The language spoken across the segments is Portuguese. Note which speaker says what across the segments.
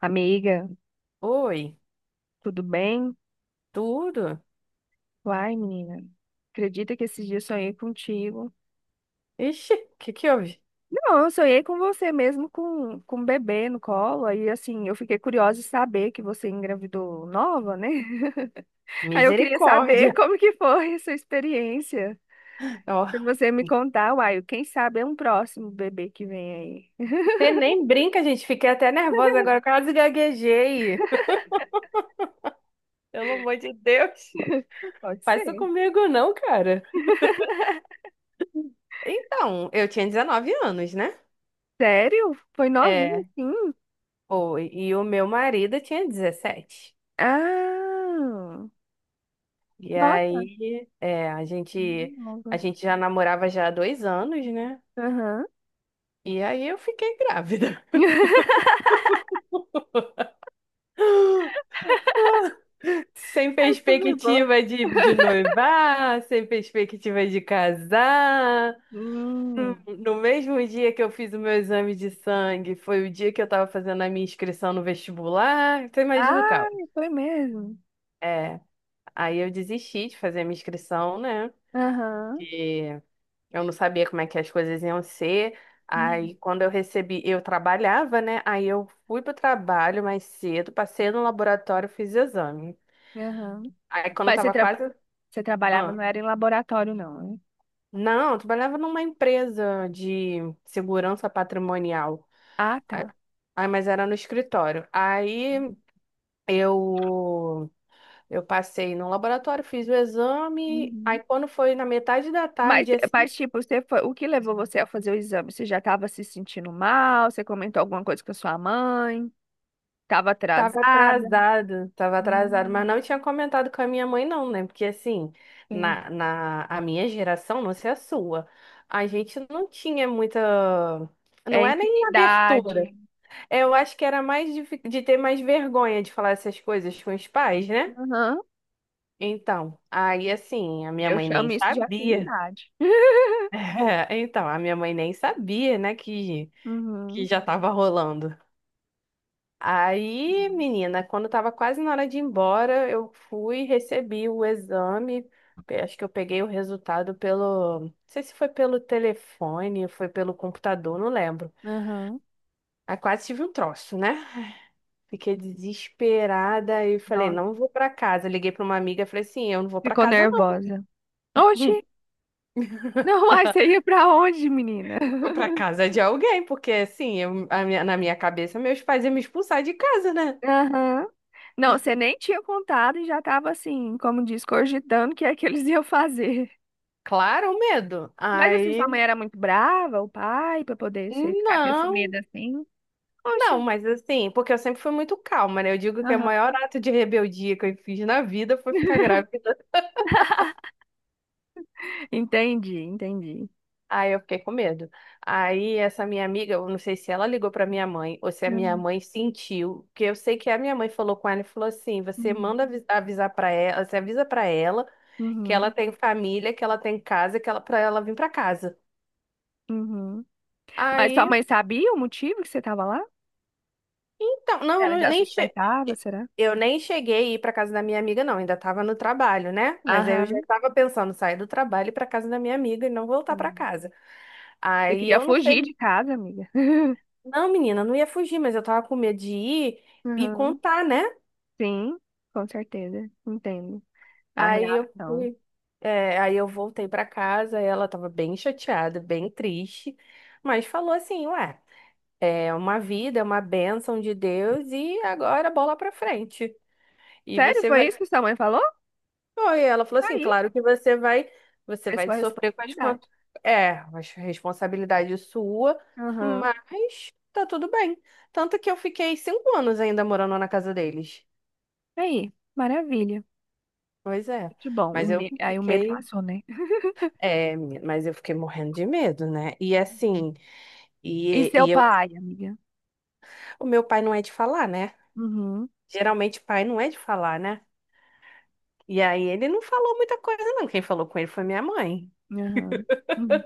Speaker 1: Amiga,
Speaker 2: Oi,
Speaker 1: tudo bem?
Speaker 2: tudo?
Speaker 1: Uai, menina, acredita que esses dias sonhei contigo?
Speaker 2: Ixi, o que que houve?
Speaker 1: Não, eu sonhei com você mesmo, com um bebê no colo. Aí, assim, eu fiquei curiosa de saber que você engravidou nova, né? Aí eu queria saber
Speaker 2: Misericórdia.
Speaker 1: como que foi essa experiência.
Speaker 2: Ó,
Speaker 1: Pra você me contar, uai, quem sabe é um próximo bebê que vem aí.
Speaker 2: você nem brinca, gente. Fiquei até nervosa agora, quase gaguejei. Pelo amor de Deus.
Speaker 1: Pode
Speaker 2: Faz isso
Speaker 1: ser.
Speaker 2: comigo não, cara. Então, eu tinha 19 anos, né?
Speaker 1: Sério? Foi novinho,
Speaker 2: É,
Speaker 1: sim?
Speaker 2: foi. E o meu marido tinha 17.
Speaker 1: Ah,
Speaker 2: E
Speaker 1: nossa,
Speaker 2: aí, é, a
Speaker 1: nova.
Speaker 2: gente já namorava já há dois anos, né?
Speaker 1: Aham.
Speaker 2: E aí eu fiquei grávida. Sem
Speaker 1: Essa foi boa.
Speaker 2: perspectiva de noivar, sem perspectiva de casar.
Speaker 1: Hum.
Speaker 2: No mesmo dia que eu fiz o meu exame de sangue, foi o dia que eu estava fazendo a minha inscrição no vestibular. Então imagina o
Speaker 1: Ah,
Speaker 2: caos.
Speaker 1: foi mesmo.
Speaker 2: É, aí eu desisti de fazer a minha inscrição, né?
Speaker 1: Aham.
Speaker 2: Porque eu não sabia como é que as coisas iam ser.
Speaker 1: Hum,
Speaker 2: Aí quando eu recebi, eu trabalhava, né? Aí eu fui pro trabalho mais cedo, passei no laboratório, fiz exame.
Speaker 1: aham.
Speaker 2: Aí quando eu
Speaker 1: Mas você,
Speaker 2: tava
Speaker 1: tra-
Speaker 2: quase.
Speaker 1: Você trabalhava, não era em laboratório, não, né?
Speaker 2: Não, eu trabalhava numa empresa de segurança patrimonial.
Speaker 1: Ah,
Speaker 2: Ah,
Speaker 1: tá.
Speaker 2: mas era no escritório. Aí eu eu passei no laboratório, fiz o exame. Aí
Speaker 1: Uhum.
Speaker 2: quando foi na metade da tarde, assim,
Speaker 1: Tipo, você foi... o que levou você a fazer o exame? Você já estava se sentindo mal? Você comentou alguma coisa com a sua mãe? Estava atrasada?
Speaker 2: tava atrasado, mas
Speaker 1: Hum,
Speaker 2: não tinha comentado com a minha mãe não, né? Porque assim,
Speaker 1: entendi.
Speaker 2: na a minha geração, não sei a sua, a gente não tinha muita,
Speaker 1: É
Speaker 2: não é nem abertura.
Speaker 1: infinidade.
Speaker 2: Eu acho que era mais de, de ter mais vergonha de falar essas coisas com os pais, né?
Speaker 1: Aham.
Speaker 2: Então, aí assim, a minha
Speaker 1: Eu
Speaker 2: mãe nem
Speaker 1: chamo isso de
Speaker 2: sabia.
Speaker 1: afinidade.
Speaker 2: Então, a minha mãe nem sabia, né, que
Speaker 1: Uhum.
Speaker 2: já tava rolando. Aí, menina, quando tava quase na hora de ir embora, eu fui, recebi o exame. Acho que eu peguei o resultado pelo. Não sei se foi pelo telefone, foi pelo computador, não lembro.
Speaker 1: Aham.
Speaker 2: Aí quase tive um troço, né? Fiquei desesperada e falei,
Speaker 1: Nossa,
Speaker 2: não vou pra casa. Liguei pra uma amiga e falei assim, eu não vou pra
Speaker 1: ficou
Speaker 2: casa não.
Speaker 1: nervosa. Oxi. Não, mas você ia pra onde, menina?
Speaker 2: Vou pra casa de alguém, porque assim, na minha cabeça meus pais iam me expulsar de casa, né?
Speaker 1: Aham. Não, você nem tinha contado e já tava assim, como diz, cogitando o que é que eles iam fazer.
Speaker 2: Claro, o medo.
Speaker 1: Mas assim,
Speaker 2: Aí,
Speaker 1: sua mãe era muito brava, o pai, pra poder você ficar com esse
Speaker 2: não,
Speaker 1: medo assim. Oxe.
Speaker 2: não, mas assim, porque eu sempre fui muito calma, né? Eu digo que o
Speaker 1: Aham.
Speaker 2: maior ato de rebeldia que eu fiz na vida foi ficar grávida.
Speaker 1: Entendi, entendi.
Speaker 2: Aí eu fiquei com medo. Aí essa minha amiga, eu não sei se ela ligou para minha mãe ou se a minha
Speaker 1: Uhum,
Speaker 2: mãe sentiu, porque eu sei que a minha mãe falou com ela e falou assim: "Você manda avisar para ela, você avisa para ela que ela
Speaker 1: uhum,
Speaker 2: tem família, que ela tem casa, que ela para ela vir para casa".
Speaker 1: uhum. Mas sua
Speaker 2: Aí,
Speaker 1: mãe sabia o motivo que você tava lá?
Speaker 2: então, não,
Speaker 1: Ela já suspeitava, será?
Speaker 2: eu nem cheguei a ir para casa da minha amiga não, ainda estava no trabalho, né? Mas aí eu já
Speaker 1: Aham.
Speaker 2: estava pensando em sair do trabalho e ir para casa da minha amiga e não voltar para
Speaker 1: Sim.
Speaker 2: casa.
Speaker 1: Você
Speaker 2: Aí
Speaker 1: queria
Speaker 2: eu não sei.
Speaker 1: fugir de casa, amiga.
Speaker 2: Não, menina, não ia fugir, mas eu tava com medo de ir e
Speaker 1: Aham.
Speaker 2: contar, né?
Speaker 1: Sim, com certeza. Entendo. A
Speaker 2: Aí eu
Speaker 1: reação.
Speaker 2: fui, aí eu voltei pra casa, ela tava bem chateada, bem triste, mas falou assim, ué, é uma vida, é uma bênção de Deus e agora bola pra frente. E
Speaker 1: Sério,
Speaker 2: você vai.
Speaker 1: foi isso que sua mãe falou?
Speaker 2: Oi, ela falou
Speaker 1: Tá.
Speaker 2: assim,
Speaker 1: Aí,
Speaker 2: claro que você
Speaker 1: é
Speaker 2: vai
Speaker 1: sua
Speaker 2: sofrer com as
Speaker 1: responsabilidade.
Speaker 2: é, as responsabilidade sua,
Speaker 1: Aham.
Speaker 2: mas tá tudo bem. Tanto que eu fiquei cinco anos ainda morando na casa deles.
Speaker 1: Aí, maravilha.
Speaker 2: Pois é,
Speaker 1: Muito bom.
Speaker 2: mas eu
Speaker 1: Aí o medo
Speaker 2: fiquei,
Speaker 1: passou, né?
Speaker 2: é, menina, mas eu fiquei morrendo de medo, né? E assim,
Speaker 1: E
Speaker 2: e,
Speaker 1: seu
Speaker 2: e eu,
Speaker 1: pai, amiga?
Speaker 2: o meu pai não é de falar, né?
Speaker 1: Uhum.
Speaker 2: Geralmente pai não é de falar, né? E aí ele não falou muita coisa, não. Quem falou com ele foi minha mãe.
Speaker 1: Aham. Uhum.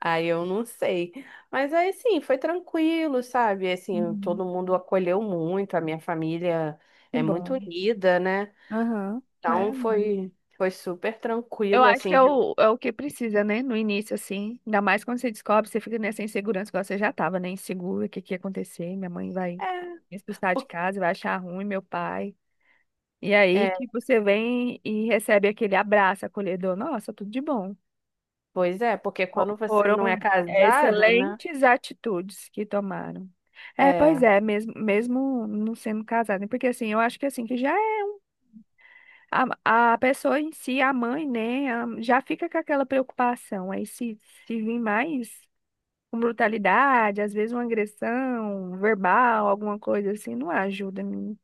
Speaker 2: Aí eu não sei. Mas aí sim, foi tranquilo, sabe? Assim,
Speaker 1: Uhum.
Speaker 2: todo mundo acolheu muito, a minha família
Speaker 1: Que
Speaker 2: é muito
Speaker 1: bom.
Speaker 2: unida, né?
Speaker 1: Aham.
Speaker 2: Então
Speaker 1: Maravilha.
Speaker 2: foi super
Speaker 1: Eu
Speaker 2: tranquilo,
Speaker 1: acho que
Speaker 2: assim.
Speaker 1: é é o que precisa, né? No início, assim. Ainda mais quando você descobre, você fica nessa insegurança, igual você já tava, né? Insegura, o que que ia acontecer? Minha mãe vai me
Speaker 2: É,
Speaker 1: expulsar de
Speaker 2: po-
Speaker 1: casa, vai achar ruim meu pai. E aí,
Speaker 2: é,
Speaker 1: tipo, você vem e recebe aquele abraço acolhedor. Nossa, tudo de bom.
Speaker 2: pois é, porque quando você
Speaker 1: Foram
Speaker 2: não é casado, né?
Speaker 1: excelentes atitudes que tomaram. É, pois
Speaker 2: É,
Speaker 1: é, mesmo, mesmo não sendo casada, né? Porque assim, eu acho que assim, que já é a pessoa em si, a mãe, né, já fica com aquela preocupação. Aí se vir mais com brutalidade, às vezes uma agressão verbal, alguma coisa assim, não ajuda, menina.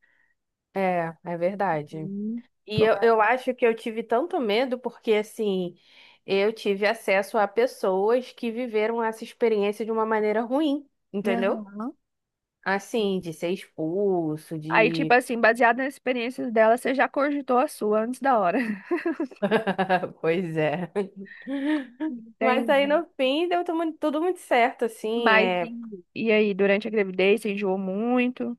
Speaker 2: é, verdade.
Speaker 1: Hum.
Speaker 2: E
Speaker 1: Por mais-
Speaker 2: eu acho que eu tive tanto medo porque, assim, eu tive acesso a pessoas que viveram essa experiência de uma maneira ruim, entendeu?
Speaker 1: Aham.
Speaker 2: Assim, de ser expulso,
Speaker 1: Aí, tipo
Speaker 2: de.
Speaker 1: assim, baseado nas experiências dela, você já cogitou a sua antes da hora.
Speaker 2: Pois é. Mas aí
Speaker 1: Entendi.
Speaker 2: no fim deu tudo muito certo, assim. É...
Speaker 1: E aí, durante a gravidez, você enjoou muito?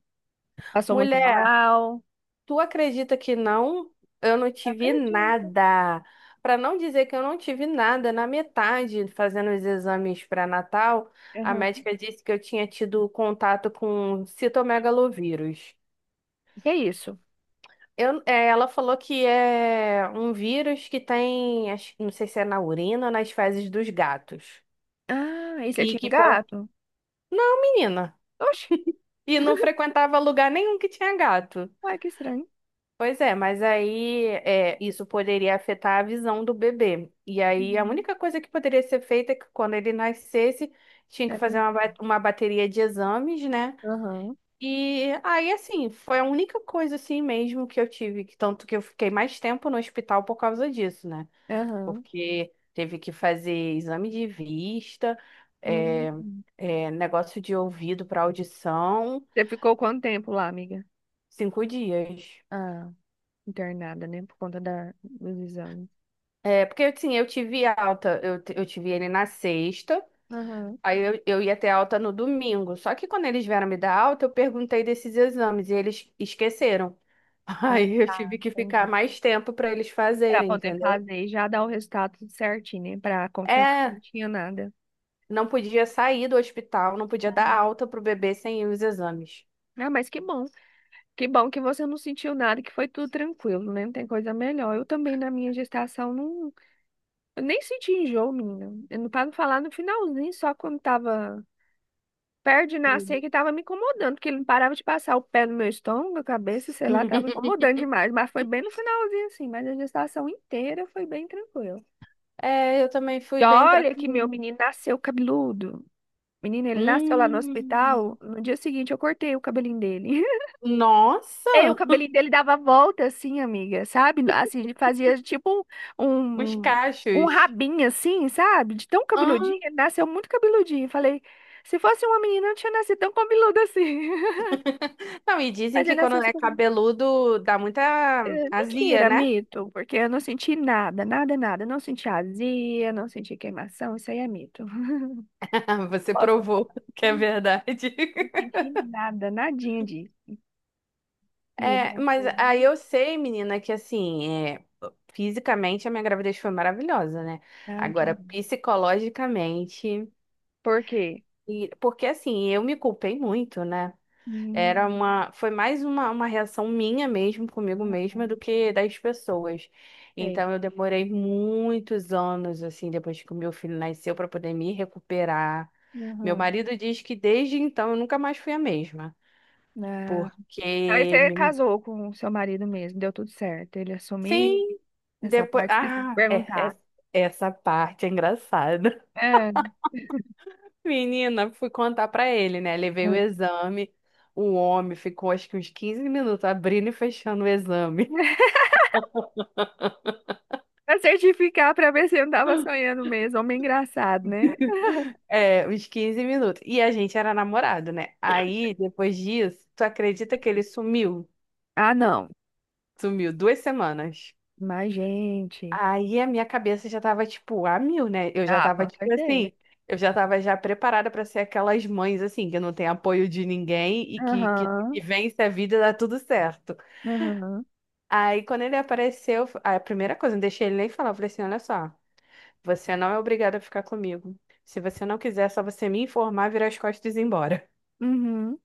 Speaker 1: Passou muito mal?
Speaker 2: Tu acredita que não? Eu não tive
Speaker 1: Acredito.
Speaker 2: nada. Para não dizer que eu não tive nada, na metade, fazendo os exames para Natal, a
Speaker 1: Aham.
Speaker 2: médica disse que eu tinha tido contato com citomegalovírus.
Speaker 1: O que é isso?
Speaker 2: Ela falou que é um vírus que tem, não sei se é na urina ou nas fezes dos gatos.
Speaker 1: Ah, e você
Speaker 2: E
Speaker 1: tinha um
Speaker 2: que, pô,
Speaker 1: gato?
Speaker 2: menina,
Speaker 1: Oxe,
Speaker 2: e não frequentava lugar nenhum que tinha gato.
Speaker 1: ué, que estranho.
Speaker 2: Pois é, mas aí é, isso poderia afetar a visão do bebê. E aí a
Speaker 1: Uhum.
Speaker 2: única coisa que poderia ser feita é que quando ele nascesse, tinha que
Speaker 1: Era
Speaker 2: fazer
Speaker 1: um-
Speaker 2: uma bateria de exames, né?
Speaker 1: Aham,
Speaker 2: E aí, assim, foi a única coisa assim mesmo que eu tive, que tanto que eu fiquei mais tempo no hospital por causa disso, né?
Speaker 1: aham.
Speaker 2: Porque teve que fazer exame de vista, é,
Speaker 1: Hum.
Speaker 2: negócio de ouvido para audição,
Speaker 1: Você ficou quanto tempo lá, amiga?
Speaker 2: cinco dias.
Speaker 1: Ah, internada, né? Por conta dos exames.
Speaker 2: É, porque assim, eu tive alta, eu tive ele na sexta,
Speaker 1: Aham.
Speaker 2: aí eu ia ter alta no domingo. Só que quando eles vieram me dar alta, eu perguntei desses exames e eles esqueceram.
Speaker 1: Ah,
Speaker 2: Aí eu tive que ficar
Speaker 1: entendi.
Speaker 2: mais tempo para eles
Speaker 1: Pra
Speaker 2: fazerem,
Speaker 1: poder
Speaker 2: entendeu?
Speaker 1: fazer e já dar o resultado tudo certinho, né? Pra confirmar que não
Speaker 2: É,
Speaker 1: tinha nada.
Speaker 2: não podia sair do hospital, não podia dar alta pro bebê sem os exames.
Speaker 1: Ah, mas que bom. Que bom que você não sentiu nada, que foi tudo tranquilo, né? Não tem coisa melhor. Eu também, na minha gestação, não... Eu nem senti enjoo, menina. Eu não- Pra não falar no finalzinho, só quando tava perto de
Speaker 2: Hum.
Speaker 1: nascer, que tava me incomodando, porque ele não parava de passar o pé no meu estômago, a cabeça, sei lá, tava incomodando demais. Mas foi bem no finalzinho, assim. Mas a gestação inteira foi bem tranquila.
Speaker 2: É, eu também fui
Speaker 1: E
Speaker 2: bem
Speaker 1: olha que meu
Speaker 2: tranquila.
Speaker 1: menino nasceu cabeludo. Menino, ele nasceu lá no hospital.
Speaker 2: Hum,
Speaker 1: No dia seguinte, eu cortei o cabelinho dele. E o
Speaker 2: nossa,
Speaker 1: cabelinho dele dava volta, assim, amiga, sabe? Assim, ele fazia tipo
Speaker 2: os
Speaker 1: um, um um
Speaker 2: cachos.
Speaker 1: rabinho, assim, sabe? De tão cabeludinho. Ele nasceu muito cabeludinho. Falei, se fosse uma menina, eu não tinha nascido tão cabeludo assim.
Speaker 2: Não, e dizem
Speaker 1: Mas ele
Speaker 2: que
Speaker 1: nasceu
Speaker 2: quando é
Speaker 1: super.
Speaker 2: cabeludo dá muita azia,
Speaker 1: Mentira,
Speaker 2: né?
Speaker 1: mito, porque eu não senti nada, nada, nada. Não senti azia, não senti queimação. Isso aí é mito.
Speaker 2: Você
Speaker 1: Posso
Speaker 2: provou
Speaker 1: confirmar?
Speaker 2: que é
Speaker 1: Não,
Speaker 2: verdade.
Speaker 1: não senti nada, nadinha disso. E ele
Speaker 2: É, mas
Speaker 1: nasceu.
Speaker 2: aí eu sei, menina, que assim, é, fisicamente a minha gravidez foi maravilhosa, né?
Speaker 1: Ai, que...
Speaker 2: Agora, psicologicamente.
Speaker 1: Por quê?
Speaker 2: E, porque assim, eu me culpei muito, né?
Speaker 1: Hum,
Speaker 2: Era foi mais uma reação minha mesmo, comigo mesma, do que das pessoas.
Speaker 1: sei.
Speaker 2: Então eu demorei muitos anos, assim, depois que o meu filho nasceu, para poder me recuperar. Meu
Speaker 1: Aham.
Speaker 2: marido diz que desde então eu nunca mais fui a mesma.
Speaker 1: Ah, aí
Speaker 2: Porque,
Speaker 1: você casou com o seu marido mesmo, deu tudo certo. Ele assumiu
Speaker 2: sim,
Speaker 1: essa
Speaker 2: depois.
Speaker 1: parte, esqueci de
Speaker 2: Ah, é,
Speaker 1: perguntar.
Speaker 2: é- essa parte é engraçada.
Speaker 1: É,
Speaker 2: Menina, fui contar pra ele, né? Levei o
Speaker 1: ah.
Speaker 2: exame. O homem ficou acho que uns 15 minutos abrindo e fechando o exame.
Speaker 1: Pra certificar, pra ver se eu não tava sonhando mesmo. Homem engraçado, né?
Speaker 2: É, uns 15 minutos. E a gente era namorado, né? Aí, depois disso, tu acredita que ele sumiu?
Speaker 1: Ah, não.
Speaker 2: Sumiu duas semanas.
Speaker 1: Mas, gente.
Speaker 2: Aí a minha cabeça já tava, tipo, a mil, né?
Speaker 1: Ah, com certeza.
Speaker 2: Eu já tava já preparada pra ser aquelas mães, assim, que não tem apoio de ninguém e
Speaker 1: Aham,
Speaker 2: que vence a vida e dá tudo certo.
Speaker 1: aham.
Speaker 2: Aí, quando ele apareceu, a primeira coisa, eu não deixei ele nem falar, eu falei assim, olha só, você não é obrigado a ficar comigo. Se você não quiser, é só você me informar, virar as costas e ir embora.
Speaker 1: Uhum.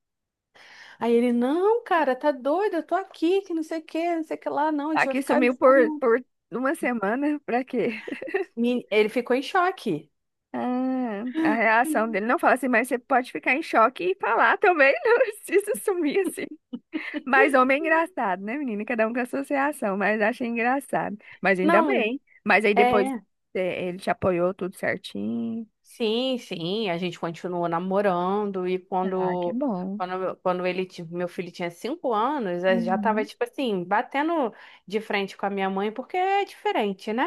Speaker 2: Aí ele, não, cara, tá doido, eu tô aqui, que não sei o que, não sei o que lá, não, a gente vai
Speaker 1: Aqui
Speaker 2: ficar
Speaker 1: sumiu
Speaker 2: junto.
Speaker 1: por uma semana, pra quê?
Speaker 2: Ele ficou em choque.
Speaker 1: Ah, a reação dele não fala assim, mas você pode ficar em choque e falar também, não precisa sumir assim. Mas homem é engraçado, né, menina? Cada um com a sua reação, mas achei engraçado. Mas ainda
Speaker 2: Não,
Speaker 1: bem. Mas aí depois
Speaker 2: é.
Speaker 1: é, ele te apoiou tudo certinho.
Speaker 2: Sim, sim, a gente continuou namorando e
Speaker 1: Ah, que bom.
Speaker 2: quando ele, meu filho tinha cinco anos, eu já tava,
Speaker 1: Uhum.
Speaker 2: tipo assim, batendo de frente com a minha mãe, porque é diferente, né?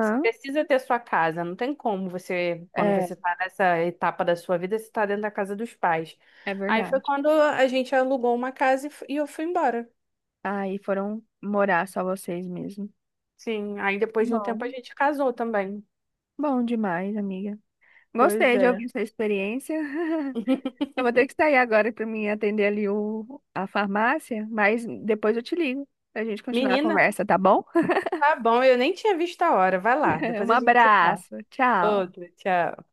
Speaker 2: Você precisa ter sua casa, não tem como você, quando
Speaker 1: é,
Speaker 2: você tá nessa etapa da sua vida, você tá dentro da casa dos pais.
Speaker 1: é
Speaker 2: Aí foi
Speaker 1: verdade.
Speaker 2: quando a gente alugou uma casa e e eu fui embora.
Speaker 1: Aí foram morar só vocês mesmo.
Speaker 2: Sim, aí depois de um tempo a
Speaker 1: Bom,
Speaker 2: gente casou também.
Speaker 1: bom demais, amiga.
Speaker 2: Pois
Speaker 1: Gostei de
Speaker 2: é.
Speaker 1: ouvir sua experiência. Eu vou ter que sair agora para mim atender ali a farmácia, mas depois eu te ligo para a gente continuar a
Speaker 2: Menina.
Speaker 1: conversa, tá bom?
Speaker 2: Tá bom, eu nem tinha visto a hora. Vai lá,
Speaker 1: Um
Speaker 2: depois a gente se fala.
Speaker 1: abraço, tchau.
Speaker 2: Outro, tchau.